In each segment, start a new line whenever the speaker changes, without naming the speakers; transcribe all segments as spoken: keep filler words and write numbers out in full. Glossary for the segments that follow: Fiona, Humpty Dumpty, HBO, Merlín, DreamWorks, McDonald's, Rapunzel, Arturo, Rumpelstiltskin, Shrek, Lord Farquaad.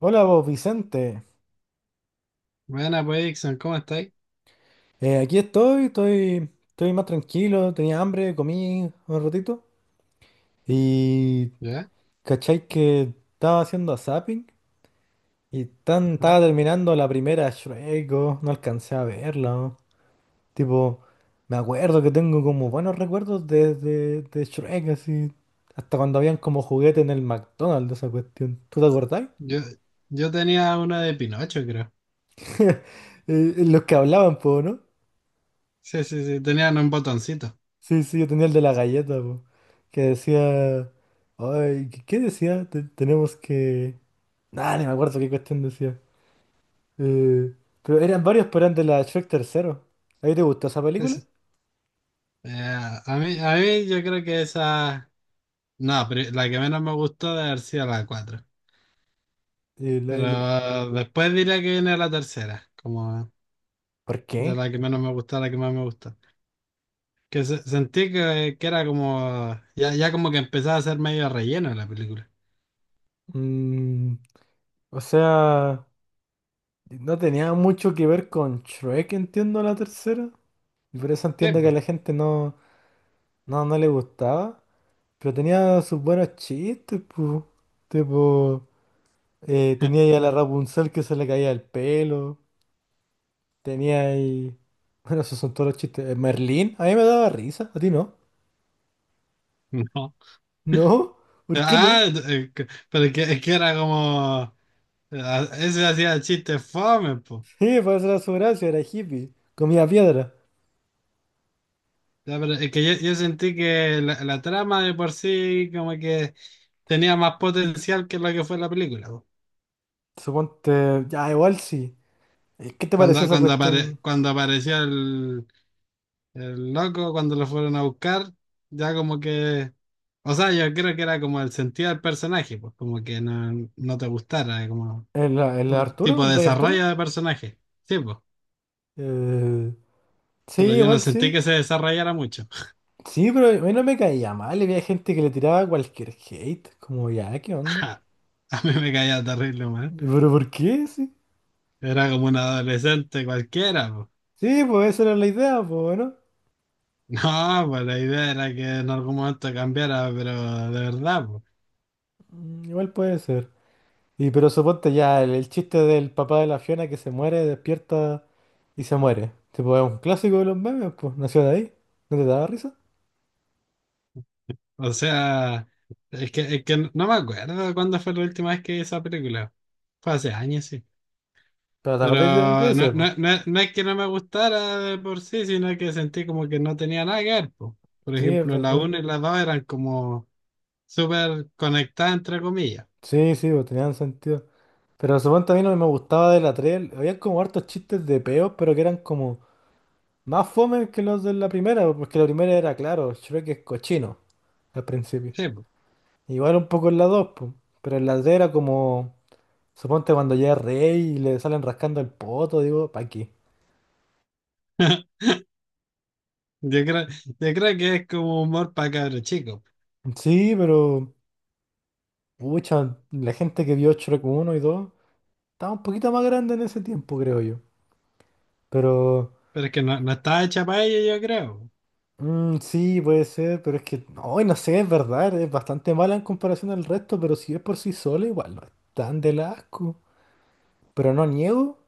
Hola vos, Vicente.
Buena, pues, Dixon, ¿cómo estáis?
Eh, aquí estoy, estoy, estoy más tranquilo, tenía hambre, comí un ratito. Y
¿Ya?
cachai que estaba haciendo zapping y tan,
Ajá.
estaba terminando la primera Shrek, oh, no alcancé a verla. Oh. Tipo, me acuerdo que tengo como buenos recuerdos de, de, de Shrek, así. Hasta cuando habían como juguete en el McDonald's, esa cuestión. ¿Tú te acordás?
Yo, yo tenía una de Pinocho, creo.
Eh, Los que hablaban, po, ¿no?
Sí, sí, sí, tenían un botoncito.
Sí, sí, yo tenía el de la galleta, po, que decía... Ay, ¿qué qué decía? Te- tenemos que... Nah, ni me acuerdo qué cuestión decía. Eh, pero eran varios, pero eran de la Shrek tercero. ¿Ahí te gustó esa
Sí,
película?
sí. Eh, a mí, a mí yo creo que esa... No, pero la que menos me gustó debe haber sido la cuatro.
Eh, la- el-
Pero después diría que viene la tercera, como
¿Por
de
qué?
la que menos me gustó a la que más me gustó. Que se- sentí que, que, era como... Ya, ya como que empezaba a ser medio relleno la película.
Mm, o sea, no tenía mucho que ver con Shrek, entiendo la tercera. Y por eso
Sí,
entiendo que a
po.
la gente no, no, no le gustaba. Pero tenía sus buenos chistes, pues. Eh, tenía ahí a la Rapunzel que se le caía el pelo. Tenía ahí. Bueno, esos son todos los chistes. Eh, Merlín, a mí me daba risa, a ti no.
No.
¿No? ¿Por qué no?
Ah, eh, que- pero es que, es que era como... Ah, ese hacía el chiste fome, po.
Sí, para hacer su gracia, era hippie. Comía piedra.
Ya, pero es que yo, yo sentí que la, la trama de por sí como que tenía más potencial que lo que fue la película, po.
Suponte. Ya, igual sí. Eh, ¿qué te pareció
Cuando,
esa
cuando, apare-
cuestión?
cuando apareció el, el loco, cuando lo fueron a buscar, ya como que... O sea, yo creo que era como el sentido del personaje, pues como que no, no te gustara, eh, como
¿El, el
un
Arturo?
tipo
¿El
de
rey
desarrollo
Arturo?
de personaje. Sí, pues.
Eh, sí,
Pero yo no
igual
sentí
sí.
que se desarrollara mucho.
Sí, pero a mí no me caía mal. Había gente que le tiraba cualquier hate. Como, ya, ¿qué onda?
A mí me caía terrible.
¿Pero por qué? Sí.
Era como un adolescente cualquiera, po.
Sí, pues esa era la idea, pues, ¿no?
No, pues la idea era que en algún momento cambiara, pero de verdad, po.
Mm, igual puede ser. Y pero suponte ya el, el chiste del papá de la Fiona que se muere, despierta y se muere. Tipo, es un clásico de los memes, pues. Nació de ahí. ¿No te daba risa?
O sea, es que, es que no me acuerdo cuándo fue la última vez que vi esa película. Fue hace años, sí.
Pero te
Pero
acordáis de, de
no,
ese, pues.
no, no, no es que no me gustara de por sí, sino que sentí como que no tenía nada que ver, po. Por
Sí, es
ejemplo, la
verdad.
uno y la dos eran como súper conectadas, entre comillas.
Sí, sí, pues tenían sentido. Pero suponte a mí no me gustaba de la tres. Había como hartos chistes de peos, pero que eran como más fome que los de la primera, porque la primera era, claro, Shrek es cochino al principio.
Sí, po.
Igual un poco en la dos pues. Pero en la tres era como. Suponte cuando llega Rey y le salen rascando el poto, digo, ¿pa qué?
Yo creo, yo creo que es como humor para cabros chicos.
Sí, pero, pucha, la gente que vio Shrek uno y dos estaba un poquito más grande en ese tiempo, creo yo. Pero,
Pero es que no, no estaba hecha para ello, yo creo.
mm, sí, puede ser, pero es que, no, y no sé, es verdad, es bastante mala en comparación al resto, pero si es por sí sola, igual no es tan del asco. Pero no niego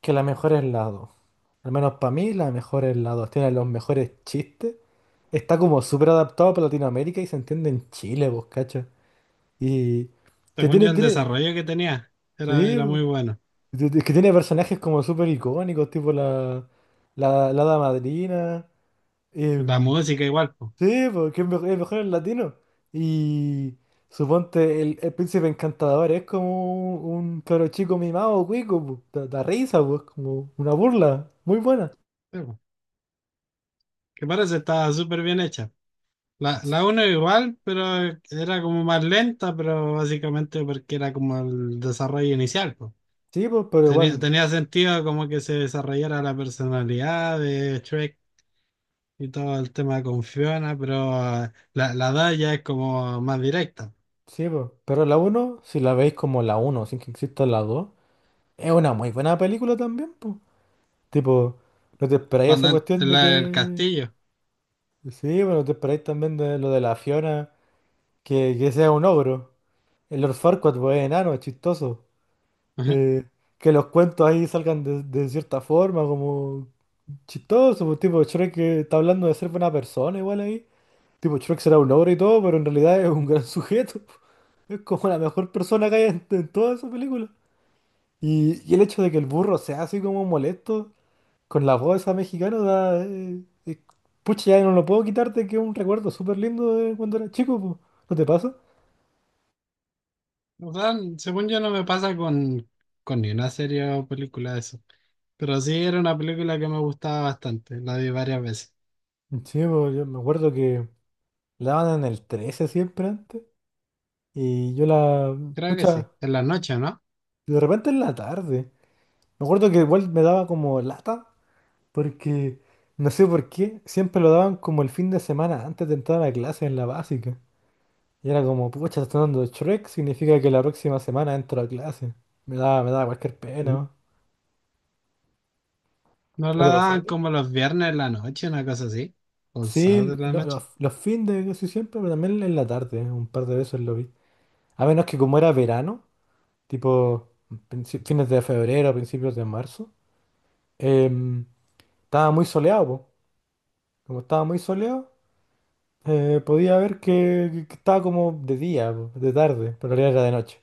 que la mejor es la dos. Al menos para mí, la mejor es la dos. Tiene los mejores chistes. Está como súper adaptado para Latinoamérica y se entiende en Chile, vos, ¿cachai? Y que
Según
tiene,
yo, el
tiene,
desarrollo que tenía era,
sí,
era muy bueno.
es que tiene personajes como súper icónicos, tipo la, la, la hada madrina.
La
em,
música igual, pues.
sí, porque es mejor, es mejor en latino. Y suponte, el, el príncipe encantador es como un cabro chico mimado, cuico, po, da, da risa, pues, como una burla, muy buena.
Que parece estaba súper bien hecha. La,
S-
la uno igual, pero era como más lenta, pero básicamente porque era como el desarrollo inicial, pues.
Sí, pues, pero
Tenía,
igual,
tenía sentido como que se desarrollara la personalidad de Shrek y todo el tema con Fiona, pero ah, la, la dos ya es como más directa.
sí, pues. Pero la uno si la veis como la uno sin que exista la dos es una muy buena película también, pues. Tipo, no te esperáis
Cuando
esa
en-
cuestión
en
de
la del
que.
castillo.
Sí, bueno, te esperáis también de lo de la Fiona, que, que sea un ogro. El Lord Farquaad, pues, es enano, es chistoso. Eh, que los cuentos ahí salgan de, de cierta forma, como chistoso. Pues, tipo, Shrek que está hablando de ser buena persona, igual ahí. Tipo, Shrek será un ogro y todo, pero en realidad es un gran sujeto. Es como la mejor persona que hay en, en toda esa película. Y, y el hecho de que el burro sea así como molesto. Con la voz esa mexicana da, eh, eh, pucha, ya no lo puedo quitarte, que es un recuerdo súper lindo de cuando era chico, po. ¿No te pasa?
O sea, según yo no me pasa con, con ni una serie o película de eso. Pero sí era una película que me gustaba bastante. La vi varias veces.
Sí, po, yo me acuerdo que la daban en el trece siempre antes. Y yo la,
Creo que sí.
pucha,
En la noche, ¿no?
de repente en la tarde. Me acuerdo que igual me daba como lata, porque no sé por qué, siempre lo daban como el fin de semana antes de entrar a clase en la básica. Y era como, pucha, está dando Shrek, significa que la próxima semana entro a clase. Me daba, me daba cualquier pena,
Ujú.
¿no?
Nos
¿No
la
te pasaba?
daban como los viernes en la noche, una cosa así. O el sábado
Sí,
en la
lo- lo-
noche.
los fines de casi siempre, pero también en la tarde, un par de veces lo vi. A menos que como era verano, tipo princi- fines de febrero, principios de marzo, em, estaba muy soleado, po. Como estaba muy soleado, eh, podía ver que, que- que estaba como de día, po, de tarde, pero en realidad era de noche.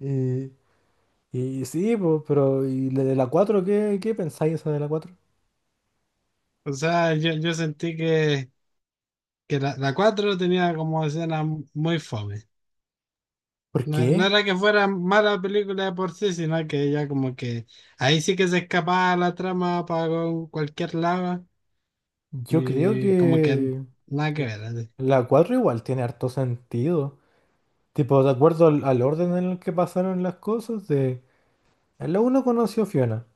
Y, y sí, po, pero ¿y la de la cuatro? ¿Qué, qué pensáis esa de la cuatro?
O sea, yo, yo sentí que, que la, la cuatro tenía como escena muy fome.
¿Por
No, no
qué?
era que fuera mala película de por sí, sino que ella como que ahí sí que se escapaba la trama para cualquier lado.
Yo creo
Y como que
que
nada que
la
ver, así.
la cuatro igual tiene harto sentido. Tipo, de acuerdo al, al orden en el que pasaron las cosas, de... En la uno conoció a Fiona,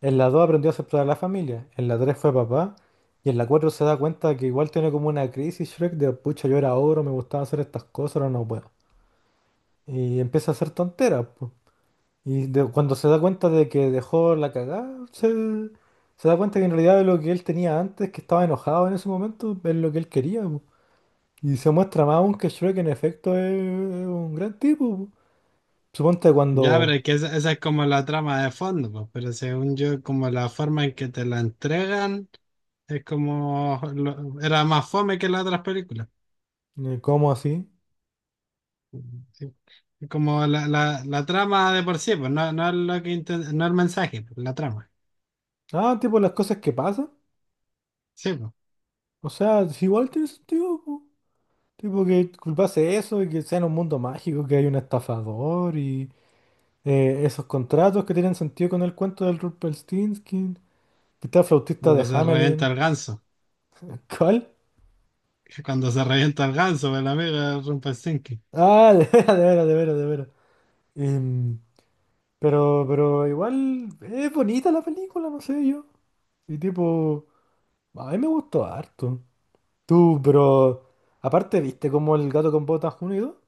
en la dos aprendió a aceptar a la familia, en la tres fue papá, y en la cuatro se da cuenta que igual tiene como una crisis Shrek de, pucha, yo era ogro, me gustaba hacer estas cosas, ahora no puedo. Y empieza a hacer tonteras, po. Y de- cuando se da cuenta de que dejó la cagada, se, se da cuenta que en realidad lo que él tenía antes, que estaba enojado en ese momento, es lo que él quería, po. Y se muestra más aún que Shrek en efecto es, es un gran tipo, po. Suponte
Ya,
cuando
pero es que esa, esa es como la trama de fondo, pues, pero según yo, como la forma en que te la entregan, es como lo- era más fome que las otras películas.
eh, como así.
Sí. Es como la, la, la trama de por sí, pues no, no es lo que inten- no el mensaje, pues, la trama.
Ah, tipo las cosas que pasan.
Sí, pues.
O sea, si igual tiene sentido, po. Tipo que culpase eso y que sea en un mundo mágico que hay un estafador y eh, esos contratos que tienen sentido con el cuento del Rumpelstiltskin. Que está el flautista de
Cuando se revienta
Hamelin.
el ganso.
¿Cuál?
Cuando se revienta el ganso, pues, el amigo de Rumpelstiltskin.
Ah, de veras, de veras, de veras, de veras. Em, pero, pero igual es bonita la película, no sé yo. Y tipo, a mí me gustó harto. Tú, pero aparte, ¿viste cómo el gato con botas unido?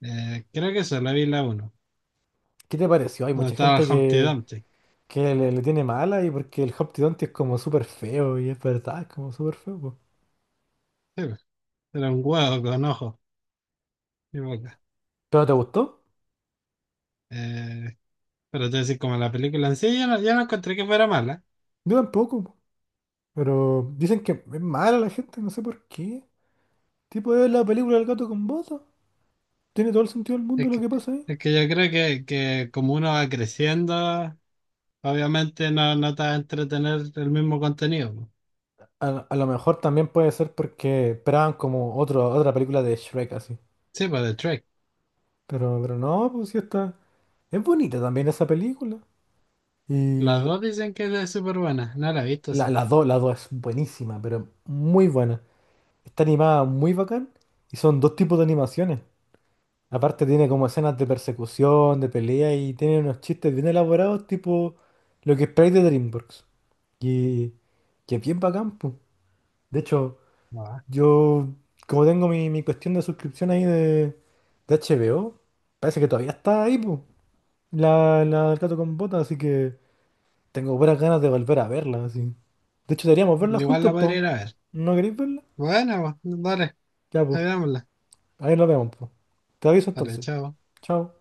Eh, creo que eso, la vi la uno.
¿Qué te pareció? Hay
Donde
mucha
estaba el
gente
Humpty
que,
Dumpty. Sí,
que le, le tiene mala y porque el Humpty Dumpty es como súper feo y es verdad, es como súper feo, po.
pues. Era un huevo con ojos.
¿Pero te gustó?
Eh, pero te decir, como la película en sí, yo no, yo no encontré que fuera mala.
Yo tampoco, po. Pero dicen que es mala la gente, no sé por qué. Tipo, es la película del gato con botas. Tiene todo el sentido del mundo
Es
lo
que,
que pasa ahí.
es que yo creo que, que, como uno va creciendo, obviamente no, no te va a entretener el mismo contenido, po.
A, lo a lo mejor también puede ser porque esperaban como otro, otra película de Shrek así.
Sí, pues de Trek.
Pero, pero no, pues sí está. Es bonita también esa película.
Las
Y
dos dicen que es súper buena. No la he visto,
la,
sí.
las dos, las dos es buenísima, pero muy buena. Está animada muy bacán y son dos tipos de animaciones. Aparte tiene como escenas de persecución, de pelea y tiene unos chistes bien elaborados, tipo lo que esperáis de DreamWorks. Y que bien bacán, po. De hecho,
Ah,
yo como tengo mi, mi cuestión de suscripción ahí de, de H B O, parece que todavía está ahí, po, La, la del gato con botas, así que tengo buenas ganas de volver a verla, así. De hecho, deberíamos verla
igual la
juntos,
podría
po.
ir a ver.
¿No queréis verla?
Bueno, pues, dale,
Ya,
ahí
po.
dámosla.
Ahí nos vemos, po. Te aviso
Dale,
entonces.
chao.
Chao.